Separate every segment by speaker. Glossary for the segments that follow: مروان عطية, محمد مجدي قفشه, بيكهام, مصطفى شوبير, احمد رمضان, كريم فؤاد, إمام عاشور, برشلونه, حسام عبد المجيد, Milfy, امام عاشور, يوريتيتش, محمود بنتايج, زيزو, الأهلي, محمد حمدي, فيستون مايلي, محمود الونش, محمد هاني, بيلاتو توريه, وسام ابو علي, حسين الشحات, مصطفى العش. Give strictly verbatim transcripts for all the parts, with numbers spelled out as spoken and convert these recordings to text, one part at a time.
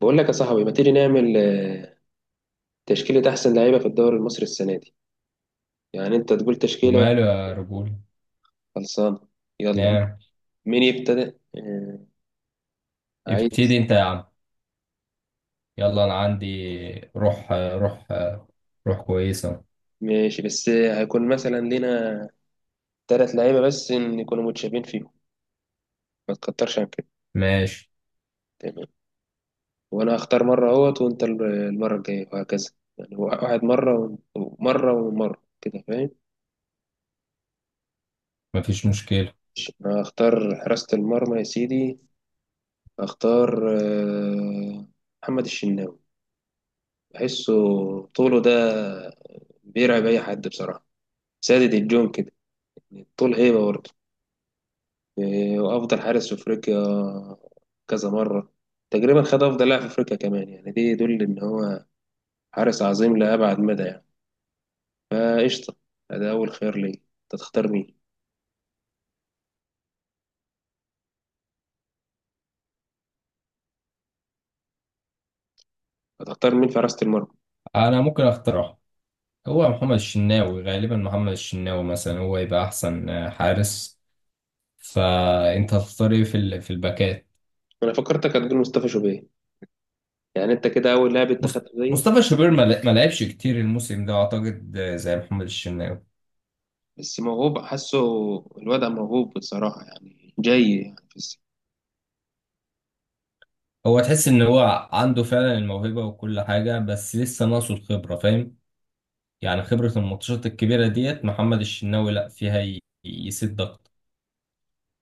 Speaker 1: بقول لك يا صاحبي، ما تيجي نعمل آه، تشكيلة أحسن لعيبة في الدوري المصري السنة دي؟ يعني أنت تقول تشكيلة وأنا
Speaker 2: وماله يا رجولة؟
Speaker 1: خلصانة. يلا،
Speaker 2: نعم.
Speaker 1: مين يبتدئ؟ آه، عايز.
Speaker 2: ابتدي انت يا عم، يلا. انا عندي روح روح روح كويسة.
Speaker 1: ماشي، بس آه، هيكون مثلا لينا تلات لعيبة، بس إن يكونوا متشابهين فيهم، ما تكترش عن كده.
Speaker 2: ماشي،
Speaker 1: تمام. وأنا هختار مرة أهوت وأنت ال- المرة الجاية وهكذا، يعني واحد مرة ومرة ومرة كده، فاهم؟
Speaker 2: مفيش مشكلة.
Speaker 1: أنا هختار حراسة المرمى يا سيدي. هختار آه، محمد الشناوي. بحسه طوله ده بيرعب أي حد بصراحة، سادد الجون كده، طول هيبة برضه. إيه، وأفضل حارس في أفريقيا كذا مرة. تقريبا خد أفضل لاعب في أفريقيا كمان، يعني دي يدل إن هو حارس عظيم لأبعد مدى يعني. فقشطة، ده أول خيار ليا. أنت تختار مين؟ هتختار مين في حراسة المرمى؟
Speaker 2: انا ممكن اقترح، هو محمد الشناوي، غالبا محمد الشناوي مثلا هو يبقى احسن حارس. فانت هتختار ايه في ال- في الباكات
Speaker 1: أنا فكرتك هتقول مصطفى شوبير، يعني أنت كده أول لاعب أنت
Speaker 2: مص-
Speaker 1: خدته زيي.
Speaker 2: مصطفى شوبير ما ل- ما لعبش كتير الموسم ده، اعتقد زي محمد الشناوي.
Speaker 1: بس موهوب حاسه، الوضع موهوب بصراحة يعني، جاي يعني.
Speaker 2: هو تحس ان هو عنده فعلا الموهبة وكل حاجة، بس لسه ناقصه الخبرة، فاهم؟ يعني خبرة الماتشات الكبيرة ديت محمد الشناوي لا فيها ي- يسد أكتر.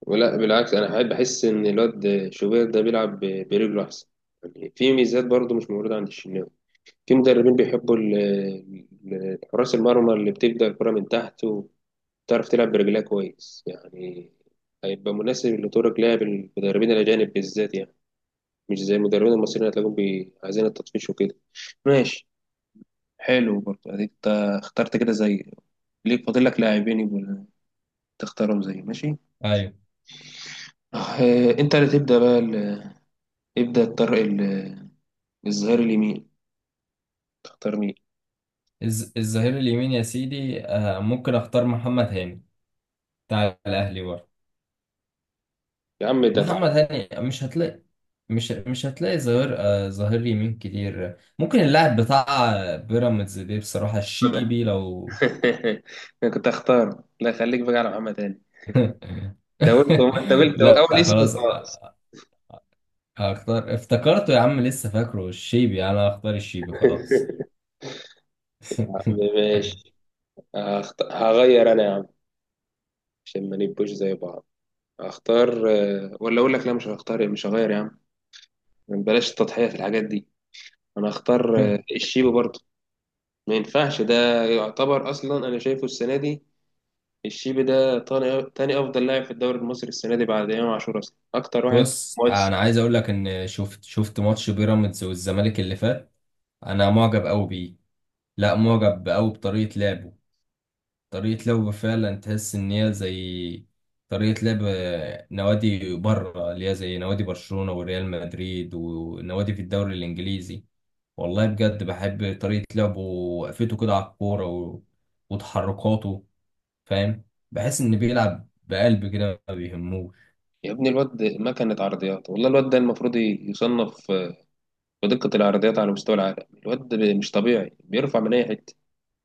Speaker 1: ولا بالعكس، انا قاعد بحس ان الواد شوبير ده بيلعب ب- برجله احسن، يعني في ميزات برضه مش موجوده عند الشناوي. في مدربين بيحبوا ال- ال- حراس المرمى اللي بتبدا الكره من تحت وبتعرف تلعب برجلها كويس يعني. هيبقى مناسب لطرق لعب المدربين الاجانب بالذات يعني، مش زي المدربين المصريين هتلاقيهم بي- عايزين التطفيش وكده. ماشي، حلو برضه. اديك انت اخترت كده زي، ليك فاضل لك لاعبين يبقوا تختارهم زي. ماشي،
Speaker 2: أيوه.
Speaker 1: آه، انت اللي تبدا بقى ال- ابدا الطرق. الظهير اليمين، تختار مين؟
Speaker 2: الز- الظهير اليمين يا سيدي، آه، ممكن أختار محمد هاني بتاع الأهلي برضه.
Speaker 1: يا عم ده
Speaker 2: محمد
Speaker 1: تعبان.
Speaker 2: هاني مش هتلاقي، مش مش هتلاقي ظهير، آه، ظهير يمين كتير. ممكن اللاعب بتاع بيراميدز دي بصراحة
Speaker 1: خدها.
Speaker 2: الشيبي لو
Speaker 1: انا كنت اختار، لا خليك بقى على محمد هاني. انت قلت، انت قلت
Speaker 2: لا
Speaker 1: اول اسم،
Speaker 2: خلاص،
Speaker 1: خلاص.
Speaker 2: هختار، افتكرته يا عم، لسه فاكره الشيبي، أنا هختار الشيبي خلاص.
Speaker 1: يا عم ماشي. هخت... هغير انا يا عم، عشان ما نبقوش زي بعض. هختار آه، ولا اقول لك، لا مش هختار، مش هغير يا عم، بلاش التضحية في الحاجات دي. انا هختار آه، الشيبي برضه. ما ينفعش ده. يعتبر اصلا انا شايفه السنة دي الشيبي ده تاني تاني افضل لاعب في الدوري المصري السنة دي بعد امام عاشور، اصلا اكتر واحد
Speaker 2: بص
Speaker 1: مؤثر.
Speaker 2: انا عايز اقول لك ان شفت شفت ماتش بيراميدز والزمالك اللي فات. انا معجب قوي بيه، لا معجب قوي بطريقه لعبه. طريقه لعبه فعلا تحس ان هي زي طريقه لعب نوادي بره، اللي هي زي نوادي برشلونه وريال مدريد ونوادي في الدوري الانجليزي. والله بجد بحب طريقه لعبه، وقفته كده على الكوره و... وتحركاته، فاهم؟ بحس ان بيلعب بقلب كده، ما بيهموش.
Speaker 1: يا ابني الواد مكنة عرضيات، والله الواد ده المفروض يصنف بدقة العرضيات على مستوى العالم. الواد مش طبيعي، بيرفع من أي حتة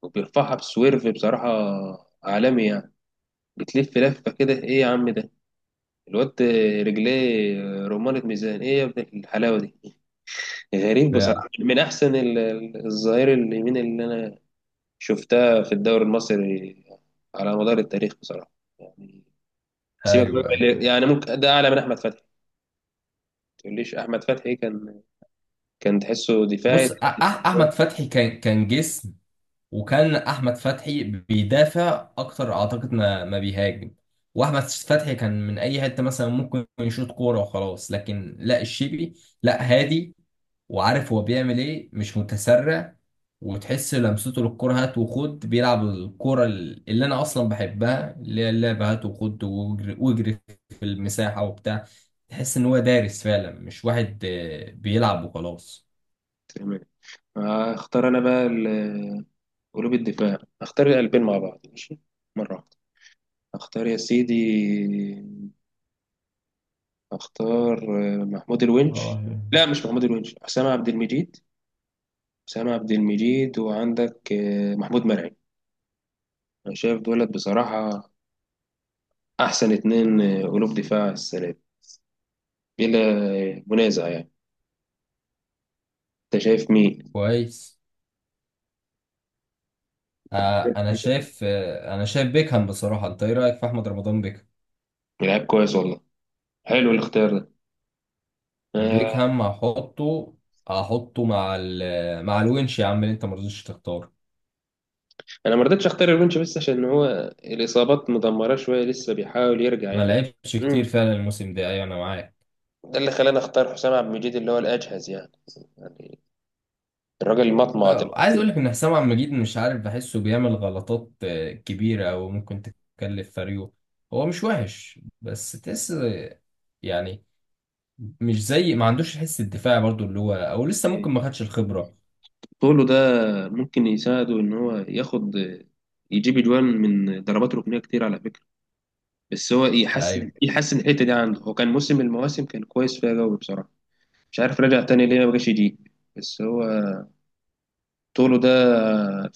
Speaker 1: وبيرفعها بسويرف بصراحة، عالمي يعني. بتلف لفة كده، إيه يا عم ده الواد؟ رجليه رمانة ميزان، إيه يا ابن الحلاوة دي؟ غريب
Speaker 2: فعلا.
Speaker 1: بصراحة، من أحسن ال- ال- الظهير اليمين اللي أنا شفتها في الدوري المصري على مدار التاريخ بصراحة يعني. سيبك
Speaker 2: ايوه،
Speaker 1: بقى-
Speaker 2: أيوه.
Speaker 1: من- يعني ممكن ده أعلى من أحمد فتحي. ما تقوليش أحمد فتحي، كان كان تحسه دفاعي
Speaker 2: بص، أح-
Speaker 1: لحد.
Speaker 2: احمد فتحي كان كان جسم. وكان احمد فتحي بيدافع اكتر اعتقد ما ما بيهاجم. واحمد فتحي كان من اي حته مثلا ممكن يشوط كوره وخلاص، لكن لا، الشيبي لا، هادي وعارف هو بيعمل ايه، مش متسرع. وتحس لمسته للكوره هات وخد، بيلعب الكوره اللي انا اصلا بحبها، اللي هي اللعبه هات وخد واجري واجري في المساحه وبتاع. تحس ان هو دارس فعلا، مش واحد آه، بيلعب وخلاص.
Speaker 1: تمام، هختار انا بقى ال- قلوب الدفاع. هختار القلبين مع بعض ماشي، مرة واحدة. هختار يا سيدي، هختار آه، محمود الونش.
Speaker 2: اه،
Speaker 1: لا، مش محمود الونش، حسام عبد المجيد. حسام عبد المجيد وعندك آه، محمود مرعي. انا شايف دولت بصراحة احسن اتنين آه، قلوب دفاع السنة دي، بلا منازع يعني. انت شايف مين؟
Speaker 2: كويس. آه انا شايف آه انا شايف بيكهام بصراحه. انت ايه رايك في احمد رمضان بيكهام؟
Speaker 1: لعيب كويس والله. حلو الاختيار ده، آه،
Speaker 2: بيكهام هحطه هحطه مع ال مع الونش يا عم اللي انت ما رضيتش تختار.
Speaker 1: انا ما رضيتش اختار الونش بس عشان هو الاصابات مدمره شويه، لسه بيحاول يرجع
Speaker 2: ما
Speaker 1: يعني.
Speaker 2: لعبش كتير
Speaker 1: امم
Speaker 2: فعلا الموسم ده، ايوه انا معاك.
Speaker 1: ده اللي خلاني اختار حسام عبد المجيد، اللي هو الاجهز يعني. يعني الراجل مطمع
Speaker 2: آه عايز
Speaker 1: دلوقتي.
Speaker 2: اقول لك ان حسام عبد المجيد، مش عارف، بحسه بيعمل غلطات آه كبيره، او ممكن تكلف فريقه. هو مش وحش، بس تحس آه، يعني مش زي، ما عندوش الحس الدفاعي برضو اللي هو، او لسه
Speaker 1: مم.
Speaker 2: ممكن ما خدش الخبره.
Speaker 1: طوله ده ممكن يساعده ان هو ياخد، يجيب اجوان من ضربات ركنيه كتير على فكره. بس هو يحسن
Speaker 2: ايوه،
Speaker 1: يحسن الحته دي عنده، هو كان موسم من المواسم كان كويس فيها قوي بصراحه. مش عارف رجع تاني ليه ما بقاش يجيب. بس هو طوله ده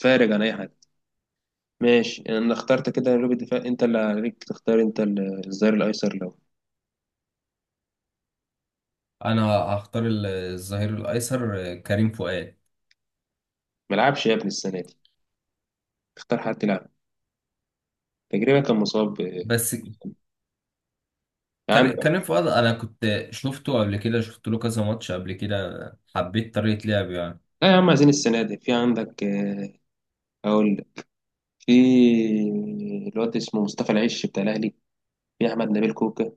Speaker 1: فارق عن اي حاجه. ماشي، انا اخترت كده قلوب الدفاع. انت اللي عليك تختار انت ال- الظهير الايسر لو.
Speaker 2: انا هختار ال- الظهير الايسر كريم فؤاد.
Speaker 1: ملعبش يا ابني السنه دي، اختار حد يلعب. تقريبا كان مصاب آه،
Speaker 2: بس كر-
Speaker 1: عندك.
Speaker 2: كريم فؤاد، انا كنت شفته قبل كده، شفت له كذا ماتش قبل كده، حبيت طريقة لعبه يعني.
Speaker 1: لا يا عم، عايزين السنه دي. في عندك آه، اقول لك. في الواد اسمه مصطفى العش بتاع الاهلي. في احمد نبيل كوكا.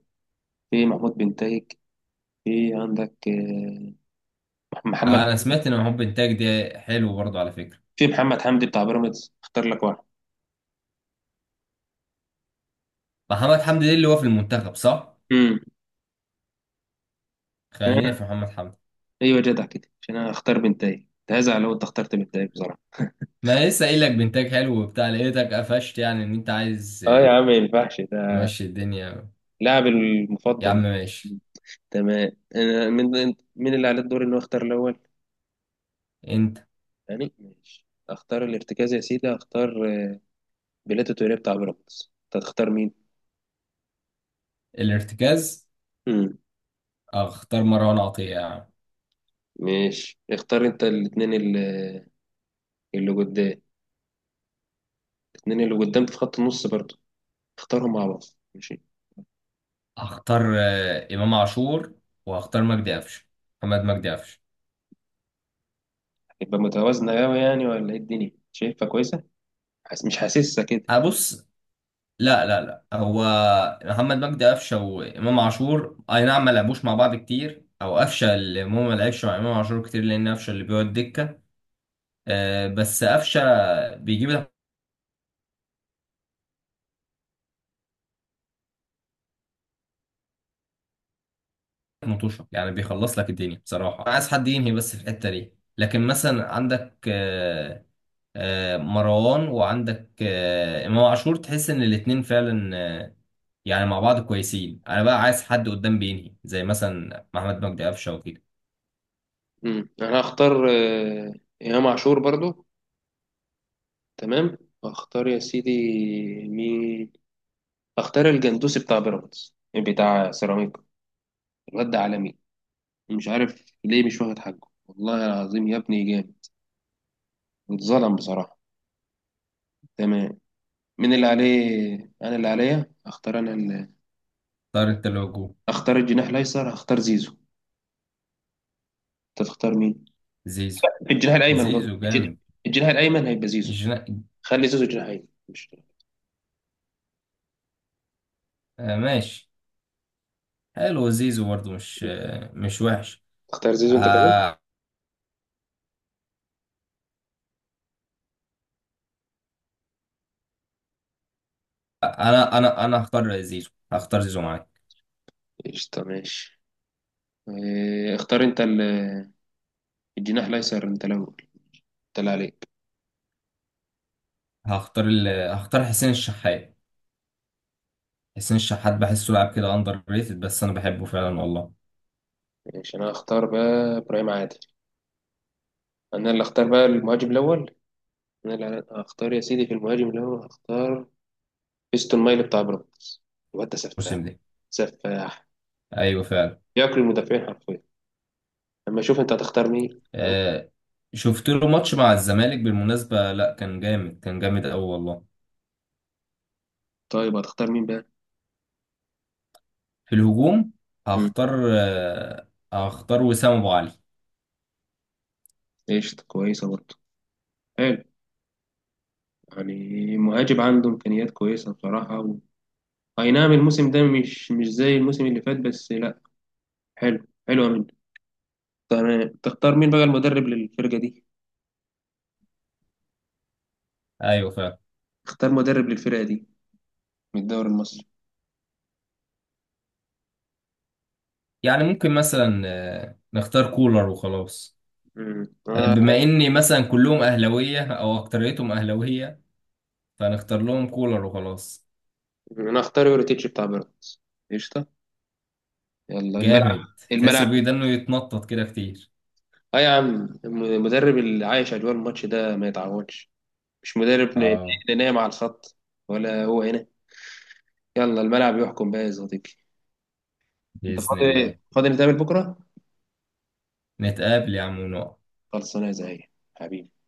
Speaker 1: في محمود بنتايج. في عندك آه، محمد.
Speaker 2: انا سمعت ان محمد بنتاج ده حلو برضه على فكرة.
Speaker 1: في محمد حمدي بتاع بيراميدز، اختار لك واحد.
Speaker 2: محمد حمدي ده اللي هو في المنتخب صح؟
Speaker 1: امم
Speaker 2: خلينا في محمد حمدي.
Speaker 1: ايوه، جدع كده، عشان انا اختار بنتايج. كنت هزعل لو انت اخترت بنتايج بصراحه.
Speaker 2: ما أنا لسه قايل لك بنتاج حلو وبتاع، لقيتك قفشت، يعني ان انت عايز،
Speaker 1: اه يا
Speaker 2: آه،
Speaker 1: عم، ما ينفعش
Speaker 2: تمشي الدنيا.
Speaker 1: لاعبي
Speaker 2: يا عم
Speaker 1: المفضل.
Speaker 2: ماشي.
Speaker 1: تمام، انا من من اللي على الدور انه اختار الاول،
Speaker 2: انت.
Speaker 1: يعني. ماشي، اختار الارتكاز يا سيدي. اختار بيلاتو توريه بتاع بيراميدز. انت هتختار مين؟
Speaker 2: الارتكاز
Speaker 1: امم
Speaker 2: اختار مروان عطية يعني.
Speaker 1: ماشي. اختار انت الاثنين اللي اللي قدام، الاثنين اللي قدام في خط النص برضه، اختارهم مع بعض. ماشي،
Speaker 2: هختار آه، امام عاشور، وهختار مجدي قفشه، محمد مجدي قفشه.
Speaker 1: هتبقى متوازنة قوي يعني؟ ولا ايه الدنيا، شايفها كويسة؟ حس... مش حاسسها كده.
Speaker 2: هبص، لا لا لا، هو محمد مجدي قفشه وامام عاشور اي نعم، ما لعبوش مع بعض كتير، او قفشه اللي هو ما لعبش مع امام عاشور كتير لان قفشه اللي بيقعد دكه. آه، بس قفشه بيجيب لك مطوشه يعني، بيخلص لك الدنيا بصراحه. أنا عايز حد ينهي بس في الحته دي. لكن مثلا عندك آه، آه، مروان، وعندك آه، امام عاشور، تحس ان الاتنين فعلا آه، يعني مع بعض كويسين. انا بقى عايز حد قدام بينهي زي مثلا محمد مجدي قفشه وكده.
Speaker 1: امم انا هختار آه، إمام عاشور برضه. تمام. واختار يا سيدي مين؟ اختار الجندوسي بتاع بيراميدز، بتاع سيراميكا. الواد ده عالمي، مش عارف ليه مش واخد حقه. والله العظيم يا ابني جامد، اتظلم بصراحة. تمام. مين اللي عليه؟ انا اللي عليا اختار. انا اللي
Speaker 2: طارق التلوجو.
Speaker 1: اختار الجناح الايسر، هختار زيزو. انت تختار مين؟
Speaker 2: زيزو.
Speaker 1: الجناح الايمن، غلط،
Speaker 2: زيزو
Speaker 1: الجن-
Speaker 2: جامد.
Speaker 1: الجناح الايمن هيبقى زيزو.
Speaker 2: جنا...
Speaker 1: خلي زيزو جناح ايمن مش.
Speaker 2: آه ماشي، حلو زيزو برضه، مش آه مش وحش.
Speaker 1: اختار زيزو انت كمان.
Speaker 2: آه، انا انا انا هختار زيزو، هختار زيزو معاك.
Speaker 1: قشطة ماشي. إيه، اختار انت ال- الجناح الايسر، انت الاول، انت اللي عليك.
Speaker 2: هختار ال... هختار حسين الشحات. حسين الشحات بحسه لاعب كده اندر ريتد، بس انا بحبه فعلا والله.
Speaker 1: ماشي، انا هختار بقى ابراهيم عادل. انا اللي اختار بقى المهاجم الاول. انا اللي هختار يا سيدي، في المهاجم الاول هختار فيستون مايلي بتاع بيراميدز. الواد ده
Speaker 2: الموسم
Speaker 1: سفاح.
Speaker 2: ده،
Speaker 1: سفاح،
Speaker 2: ايوه فعلا.
Speaker 1: ياكل المدافعين حرفيا. اما اشوف انت هتختار مين. أوه.
Speaker 2: آه، شفت له ماتش مع الزمالك بالمناسبة، لا كان جامد، كان جامد قوي والله.
Speaker 1: طيب، هتختار مين بقى؟
Speaker 2: في الهجوم
Speaker 1: امم
Speaker 2: هختار آه، هختار وسام ابو علي.
Speaker 1: قشطة، كويسة برضه، حلو. يعني مهاجم عنده امكانيات كويسة بصراحة، و... اي نعم الموسم ده مش مش زي الموسم اللي فات، بس لا، حلو حلو منه. تمام، تختار مين بقى المدرب للفرقة دي؟
Speaker 2: ايوه فعلا.
Speaker 1: اختار مدرب للفرقة دي من الدوري المصري.
Speaker 2: يعني ممكن مثلا آه، نختار كولر وخلاص. آه،
Speaker 1: امم
Speaker 2: بما اني مثلا كلهم اهلاويه او اكتريتهم اهلاويه، فنختار لهم كولر وخلاص.
Speaker 1: انا اختار يوريتيتش بتاع بيراميدز. قشطه، يلا الملعب.
Speaker 2: جامد. تحسوا بيه
Speaker 1: الملعب،
Speaker 2: ده انه يتنطط كده كتير.
Speaker 1: اه يا عم. الم- المدرب اللي عايش اجواء الماتش ده ما يتعوضش، مش مدرب ن-
Speaker 2: اه،
Speaker 1: ن- نايم على الخط ولا هو هنا. يلا الملعب يحكم بقى يا صديقي. انت
Speaker 2: باذن
Speaker 1: فاضي
Speaker 2: الله.
Speaker 1: فاضي؟ نتقابل بكره.
Speaker 2: نتقابل يا عم ونقعد.
Speaker 1: خلصانه يا زعيم، حبيبي.